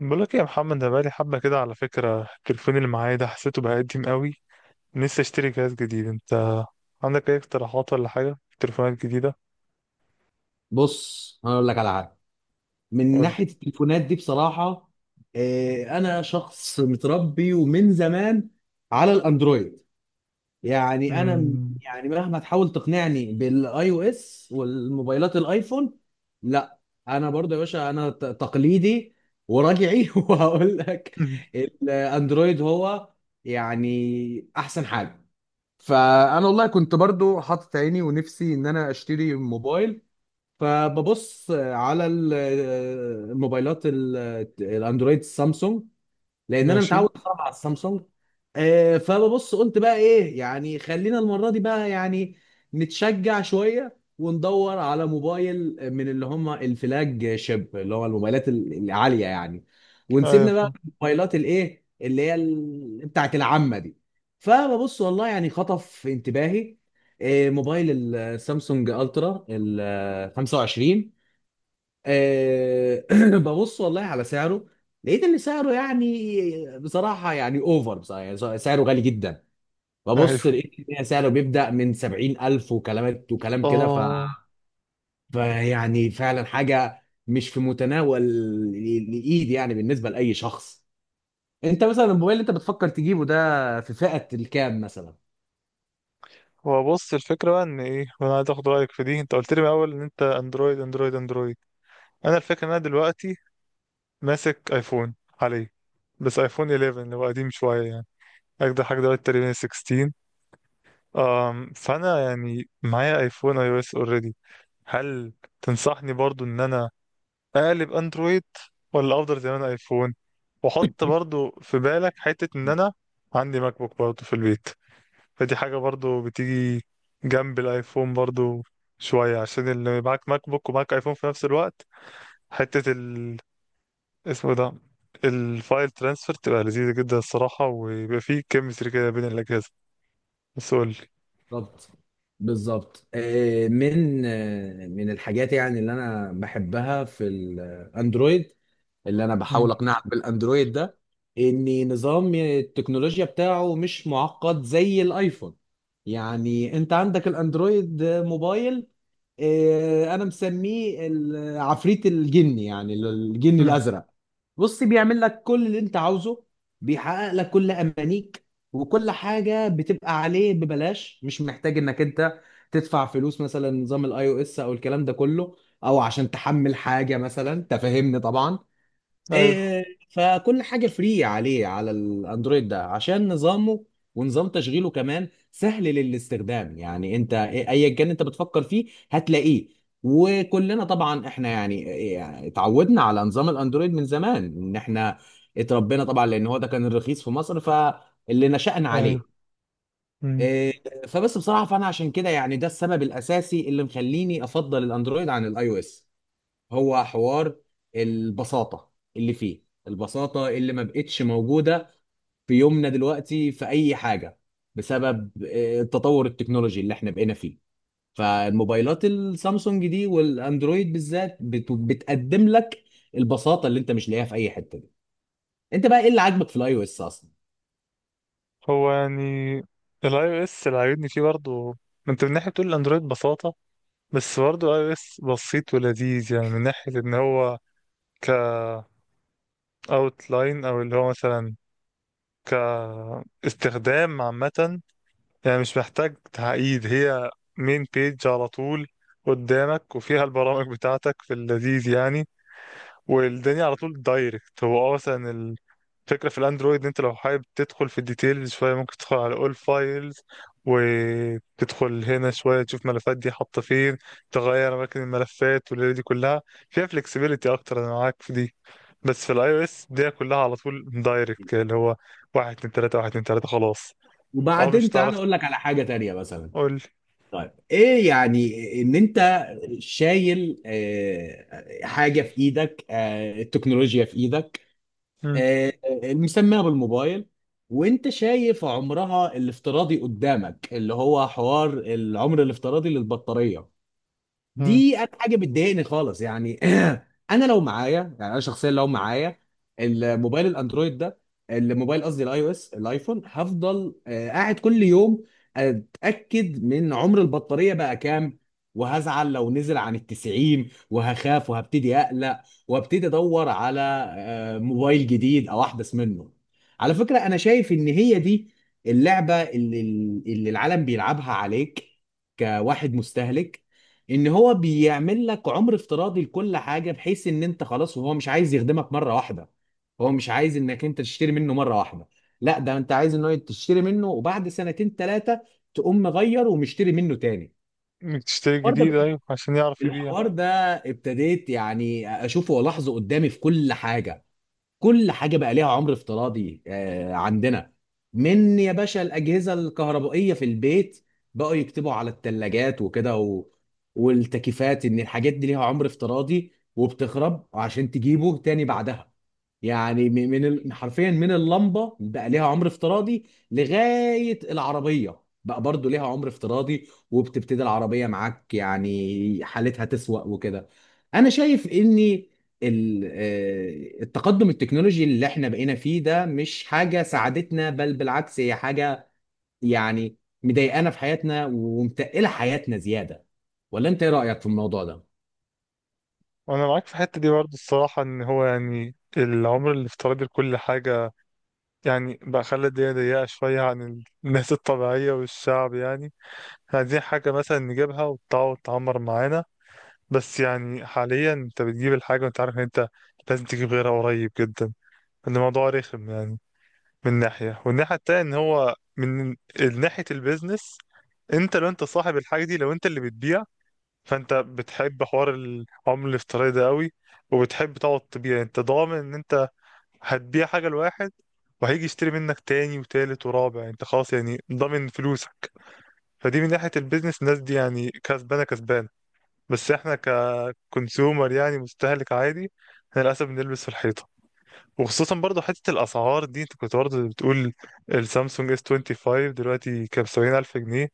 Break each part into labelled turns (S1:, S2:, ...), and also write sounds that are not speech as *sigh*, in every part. S1: بقولك إيه يا محمد، انا بقالي حبه كده على فكره. التليفون اللي معايا ده حسيته بقى قديم قوي. نفسي اشتري جهاز جديد. انت عندك اي اقتراحات ولا حاجه في تليفونات جديده؟
S2: بص انا اقول لك على حاجه من
S1: قولي.
S2: ناحيه التليفونات دي بصراحه. انا شخص متربي ومن زمان على الاندرويد. يعني
S1: امم.
S2: يعني مهما تحاول تقنعني بالاي او اس والموبايلات الايفون. لا، انا برضه يا باشا تقليدي وراجعي *laughs* وهقول لك
S1: *laughs*
S2: الاندرويد هو يعني احسن حاجه. فانا والله كنت برضه حاطط عيني ونفسي ان انا اشتري موبايل، فببص على الموبايلات الاندرويد سامسونج، لان انا
S1: ماشي.
S2: متعود صراحه على السامسونج. فببص قلت بقى ايه، يعني خلينا المره دي بقى، يعني نتشجع شويه وندور على موبايل من اللي هم الفلاج شيب، اللي هو الموبايلات العاليه يعني،
S1: ايوه
S2: ونسيبنا بقى
S1: فاهم.
S2: من الموبايلات الايه اللي هي بتاعت العامه دي. فببص والله يعني خطف انتباهي، موبايل السامسونج الترا ال 25. آه، *clears throat* ببص والله على سعره، لقيت ان سعره يعني بصراحه يعني اوفر، بصراحه يعني سعره غالي جدا. ببص
S1: ايوه
S2: لقيت ان سعره بيبدا من 70,000 وكلام كده. ف
S1: اه.
S2: فيعني فعلا حاجه مش في متناول الايد يعني بالنسبه لاي شخص. انت مثلا الموبايل اللي انت بتفكر تجيبه ده في فئه الكام مثلا؟
S1: هو بص، الفكره بقى ان ايه، وانا عايز اخد رايك في دي. انت قلت لي من الاول ان انت اندرويد اندرويد اندرويد. انا الفكره ان انا دلوقتي ماسك ايفون عليه، بس ايفون 11 اللي هو قديم شويه يعني. اجدع حاجه دلوقتي تقريبا 16. فانا يعني معايا ايفون اي او اس اوريدي. هل تنصحني برضو ان انا اقلب اندرويد، ولا افضل زي ما انا ايفون؟ واحط برضو في بالك حتة ان انا عندي ماك بوك برضو في البيت. فدي حاجة برضو بتيجي جنب الايفون برضو شوية، عشان اللي معاك ماك بوك ومعاك ايفون في نفس الوقت، حتة اسمه ده الفايل ترانسفير تبقى لذيذة جدا الصراحة، ويبقى فيه كيمستري كده بين الأجهزة. بس قولي.
S2: بالظبط بالظبط. من الحاجات يعني اللي انا بحبها في الاندرويد، اللي انا بحاول
S1: مم.
S2: اقنعك بالاندرويد ده، ان نظام التكنولوجيا بتاعه مش معقد زي الايفون. يعني انت عندك الاندرويد موبايل، انا مسميه عفريت الجن، يعني الجن
S1: مم.
S2: الازرق. بص بيعمل لك كل اللي انت عاوزه، بيحقق لك كل امانيك، وكل حاجه بتبقى عليه ببلاش. مش محتاج انك انت تدفع فلوس مثلا نظام الاي او اس او الكلام ده كله، او عشان تحمل حاجه مثلا، تفهمني طبعا.
S1: ايوه.
S2: فكل حاجه فري عليه على الاندرويد ده عشان نظامه ونظام تشغيله كمان سهل للاستخدام. يعني انت ايا كان انت بتفكر فيه هتلاقيه. وكلنا طبعا احنا يعني اتعودنا على نظام الاندرويد من زمان، ان احنا اتربينا طبعا لان هو ده كان الرخيص في مصر، فاللي نشأنا
S1: ايوه.
S2: عليه. فبس بصراحه فانا عشان كده، يعني ده السبب الاساسي اللي مخليني افضل الاندرويد عن الاي او اس. هو حوار البساطة، اللي فيه البساطة اللي ما بقتش موجودة في يومنا دلوقتي في أي حاجة، بسبب التطور التكنولوجي اللي احنا بقينا فيه. فالموبايلات السامسونج دي والأندرويد بالذات بتقدم لك البساطة اللي انت مش لاقيها في أي حتة دي. انت بقى ايه اللي عاجبك في الاي او اس اصلا؟
S1: هو يعني الاي او اس اللي عاجبني فيه برضه، ما انت من ناحيه بتقول الاندرويد ببساطه، بس برضه الاي او اس بسيط ولذيذ، يعني من ناحيه ان هو ك لاين، او اللي هو مثلا كاستخدام عامه. يعني مش محتاج تعقيد، هي مين بيج على طول قدامك وفيها البرامج بتاعتك في اللذيذ يعني، والدنيا على طول دايركت. هو اه مثلا، فكرة في الاندرويد ان انت لو حابب تدخل في الديتيلز شوية، ممكن تدخل على اول فايلز، وتدخل هنا شوية تشوف ملفات دي حاطة فين، تغير اماكن الملفات والليلة دي كلها، فيها فلكسبيليتي اكتر، انا معاك في دي. بس في الاي او اس دي كلها على طول دايركت كده، اللي هو واحد اتنين تلاتة واحد اتنين تلاتة خلاص. اه مش
S2: وبعدين تعالى
S1: هتعرف
S2: اقول لك على حاجة تانية مثلا.
S1: تقول.
S2: طيب ايه يعني، ان انت شايل آه، حاجة في ايدك آه، التكنولوجيا في ايدك،
S1: مم.
S2: آه، مسميها بالموبايل، وانت شايف عمرها الافتراضي قدامك، اللي هو حوار العمر الافتراضي للبطارية.
S1: مم.
S2: دي انا حاجه بتضايقني خالص. يعني *clears throat* انا لو معايا، يعني انا شخصيا لو معايا الموبايل الاندرويد ده، الموبايل قصدي الاي او اس الايفون، هفضل قاعد كل يوم اتاكد من عمر البطاريه بقى كام، وهزعل لو نزل عن 90، وهخاف وهبتدي اقلق وابتدي ادور على موبايل جديد او احدث منه. على فكره انا شايف ان هي دي اللعبه اللي العالم بيلعبها عليك كواحد مستهلك. ان هو بيعمل لك عمر افتراضي لكل حاجه، بحيث ان انت خلاص، وهو مش عايز يخدمك مره واحده، هو مش عايز انك انت تشتري منه مره واحده. لا، ده انت عايز ان هو تشتري منه وبعد سنتين 3 تقوم مغير ومشتري منه تاني.
S1: إنك تشتري
S2: الحوار ده
S1: جديد،
S2: بقيت-
S1: ايوه، عشان يعرف يبيع.
S2: الحوار ده ابتديت يعني اشوفه والاحظه قدامي في كل حاجه. كل حاجه بقى ليها عمر افتراضي. عندنا من يا باشا الاجهزه الكهربائيه في البيت، بقوا يكتبوا على الثلاجات وكده و... والتكييفات ان الحاجات دي ليها عمر افتراضي، وبتخرب عشان تجيبه تاني بعدها. يعني حرفيا من اللمبه بقى ليها عمر افتراضي، لغايه العربيه بقى برضو ليها عمر افتراضي، وبتبتدي العربيه معاك يعني حالتها تسوأ وكده. انا شايف ان التقدم التكنولوجي اللي احنا بقينا فيه ده مش حاجة ساعدتنا، بل بالعكس هي حاجة يعني مضايقانا في حياتنا ومتقلة حياتنا زيادة. ولا انت ايه رأيك في الموضوع ده؟
S1: وانا معاك في الحتة دي برضه الصراحة، ان هو يعني العمر الافتراضي لكل حاجة يعني بقى خلى الدنيا ضيقة شوية عن الناس الطبيعية والشعب يعني. احنا عايزين حاجة مثلا نجيبها وتقعد تعمر معانا، بس يعني حاليا انت بتجيب الحاجة وانت عارف ان انت لازم تجيب غيرها قريب جدا. الموضوع رخم يعني من ناحية، والناحية التانية ان هو من ناحية البيزنس. انت لو انت صاحب الحاجة دي، لو انت اللي بتبيع، فانت بتحب حوار العملة الافتراضي ده قوي، وبتحب تقعد تبيع. انت ضامن ان انت هتبيع حاجة لواحد، وهيجي يشتري منك تاني وتالت ورابع، انت خلاص يعني ضامن فلوسك. فدي من ناحية البيزنس الناس دي يعني كسبانة كسبانة. بس احنا ككونسيومر يعني مستهلك عادي، احنا للأسف بنلبس في الحيطة. وخصوصا برضه حتة الأسعار دي، انت كنت برضه بتقول السامسونج اس 25 دلوقتي كام، 70,000 جنيه.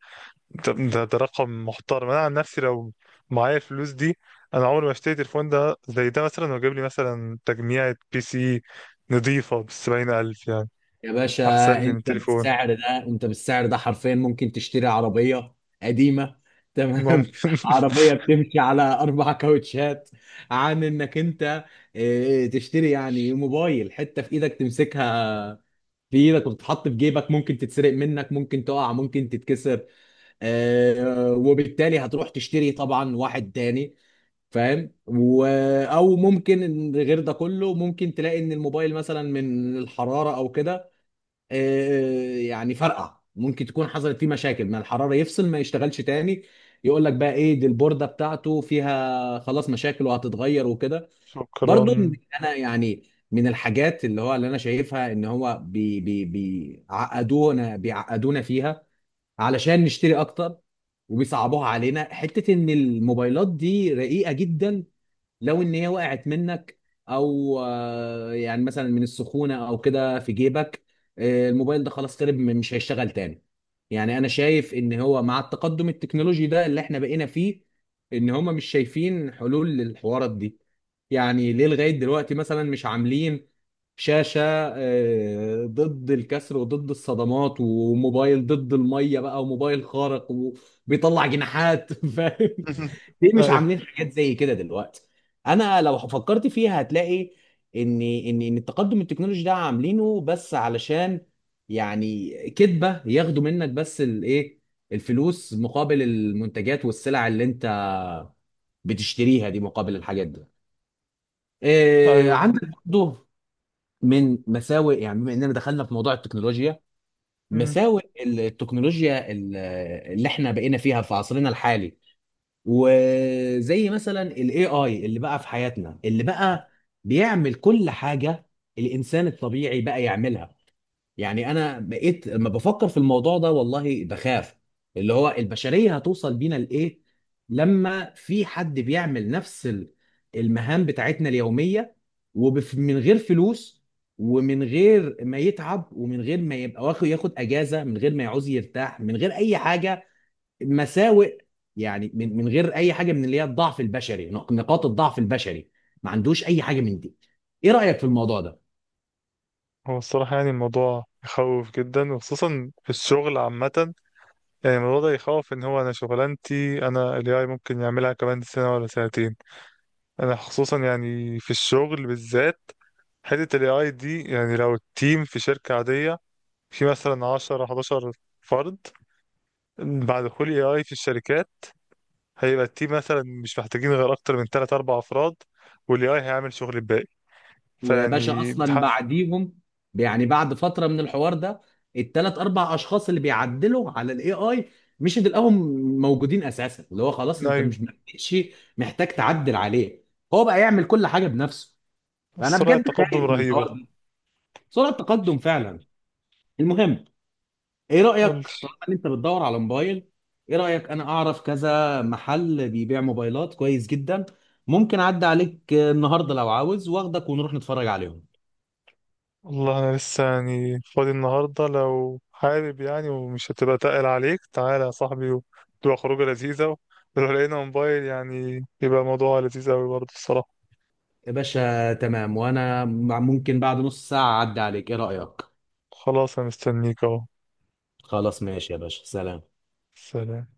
S1: طب ده رقم محترم. أنا عن نفسي لو معايا الفلوس دي، أنا عمري ما اشتري تليفون ده زي ده مثلا، وأجيب لي مثلا تجميعة بي سي نضيفة بالـ70,000 يعني.
S2: يا باشا،
S1: احسن لي من التليفون.
S2: انت بالسعر ده حرفيا ممكن تشتري عربية قديمة، تمام؟
S1: ممكن.
S2: *laughs*
S1: *laughs*
S2: عربية بتمشي على 4 كاوتشات، عن إنك أنت تشتري يعني موبايل، حتة في إيدك تمسكها بايدك وتتحط في جيبك، ممكن تتسرق منك، ممكن تقع، ممكن تتكسر، آه، وبالتالي هتروح تشتري طبعا واحد تاني. فاهم؟ و... او ممكن إن غير ده كله ممكن تلاقي ان الموبايل مثلا من الحرارة او كده، يعني فرقع. ممكن تكون حصلت فيه مشاكل ما الحرارة، يفصل، ما يشتغلش تاني، يقول لك بقى ايه، دي البوردة بتاعته فيها خلاص مشاكل وهتتغير وكده. برضو
S1: شكرا.
S2: انا يعني من الحاجات اللي هو اللي انا شايفها، ان هو بي بي بيعقدونا فيها علشان نشتري اكتر، وبيصعبوها علينا حتة ان الموبايلات دي رقيقة جدا. لو ان هي وقعت منك، او يعني مثلا من السخونه او كده في جيبك، الموبايل ده خلاص خرب، مش هيشتغل تاني. يعني انا شايف ان هو مع التقدم التكنولوجي ده اللي احنا بقينا فيه، ان هم مش شايفين حلول للحوارات دي. يعني ليه لغايه دلوقتي مثلا مش عاملين شاشه ضد الكسر وضد الصدمات، وموبايل ضد الميه بقى، وموبايل خارق وبيطلع جناحات *laughs* فاهم؟
S1: *laughs*
S2: ليه مش
S1: ايوه.
S2: عاملين حاجات زي كده دلوقتي؟ انا لو فكرت فيها هتلاقي ان التقدم التكنولوجي ده عاملينه بس علشان يعني كدبه، ياخدوا منك بس الايه، الفلوس مقابل المنتجات والسلع اللي انت بتشتريها دي، مقابل الحاجات دي. إيه
S1: ايوه.
S2: عندك؟ برضه من مساوئ، يعني بما اننا دخلنا في موضوع التكنولوجيا،
S1: مم.
S2: مساوئ التكنولوجيا اللي احنا بقينا فيها في عصرنا الحالي. وزي مثلا الاي اي اللي بقى في حياتنا، اللي بقى بيعمل كل حاجه الانسان الطبيعي بقى يعملها. يعني انا بقيت لما بفكر في الموضوع ده والله بخاف، اللي هو البشريه هتوصل بينا لايه، لما في حد بيعمل نفس المهام بتاعتنا اليوميه، ومن غير فلوس، ومن غير ما يتعب، ومن غير ما يبقى ياخد اجازه، من غير ما يعوز يرتاح، من غير اي حاجه. مساوئ. يعني من من غير اي حاجه من اللي هي الضعف البشري، نقاط الضعف البشري. ما عندوش اي حاجه من دي. ايه رايك في الموضوع ده؟
S1: هو الصراحة يعني الموضوع يخوف جدا، وخصوصا في الشغل عامة. يعني الموضوع ده يخوف ان هو انا شغلانتي انا ال AI ممكن يعملها كمان سنة ولا سنتين. انا خصوصا يعني في الشغل بالذات حتة ال AI دي، يعني لو التيم في شركة عادية في مثلا 10 11 فرد، بعد دخول AI في الشركات هيبقى التيم مثلا مش محتاجين غير اكتر من 3 4 افراد، والاي اي هيعمل شغل الباقي.
S2: ويا باشا
S1: فيعني
S2: اصلا
S1: تحس.
S2: بعديهم، يعني بعد فتره من الحوار ده، ال 3 4 اشخاص اللي بيعدلوا على الاي اي مش تلاقيهم موجودين اساسا. اللي هو خلاص انت
S1: ايوه.
S2: مش محتاج تعدل عليه، هو بقى يعمل كل حاجه بنفسه. فانا
S1: سرعة
S2: بجد
S1: التقدم
S2: خايف من
S1: رهيبة.
S2: الحوار ده. سرعه تقدم فعلا. المهم، ايه رأيك؟
S1: قول.
S2: طالما ان انت بتدور على موبايل، ايه رأيك انا اعرف كذا محل بيبيع موبايلات كويس جدا، ممكن اعدي عليك النهارده لو عاوز، واخدك ونروح نتفرج عليهم.
S1: والله انا لسه يعني فاضي النهارده، لو حابب يعني ومش هتبقى تقل عليك تعالى يا صاحبي وتبقى خروجه لذيذة. ولو لقينا موبايل يعني يبقى موضوع لذيذ قوي برضه الصراحة.
S2: يا باشا تمام، وانا ممكن بعد نص ساعة اعدي عليك، ايه رأيك؟
S1: خلاص انا مستنيك اهو.
S2: خلاص ماشي يا باشا، سلام.
S1: سلام.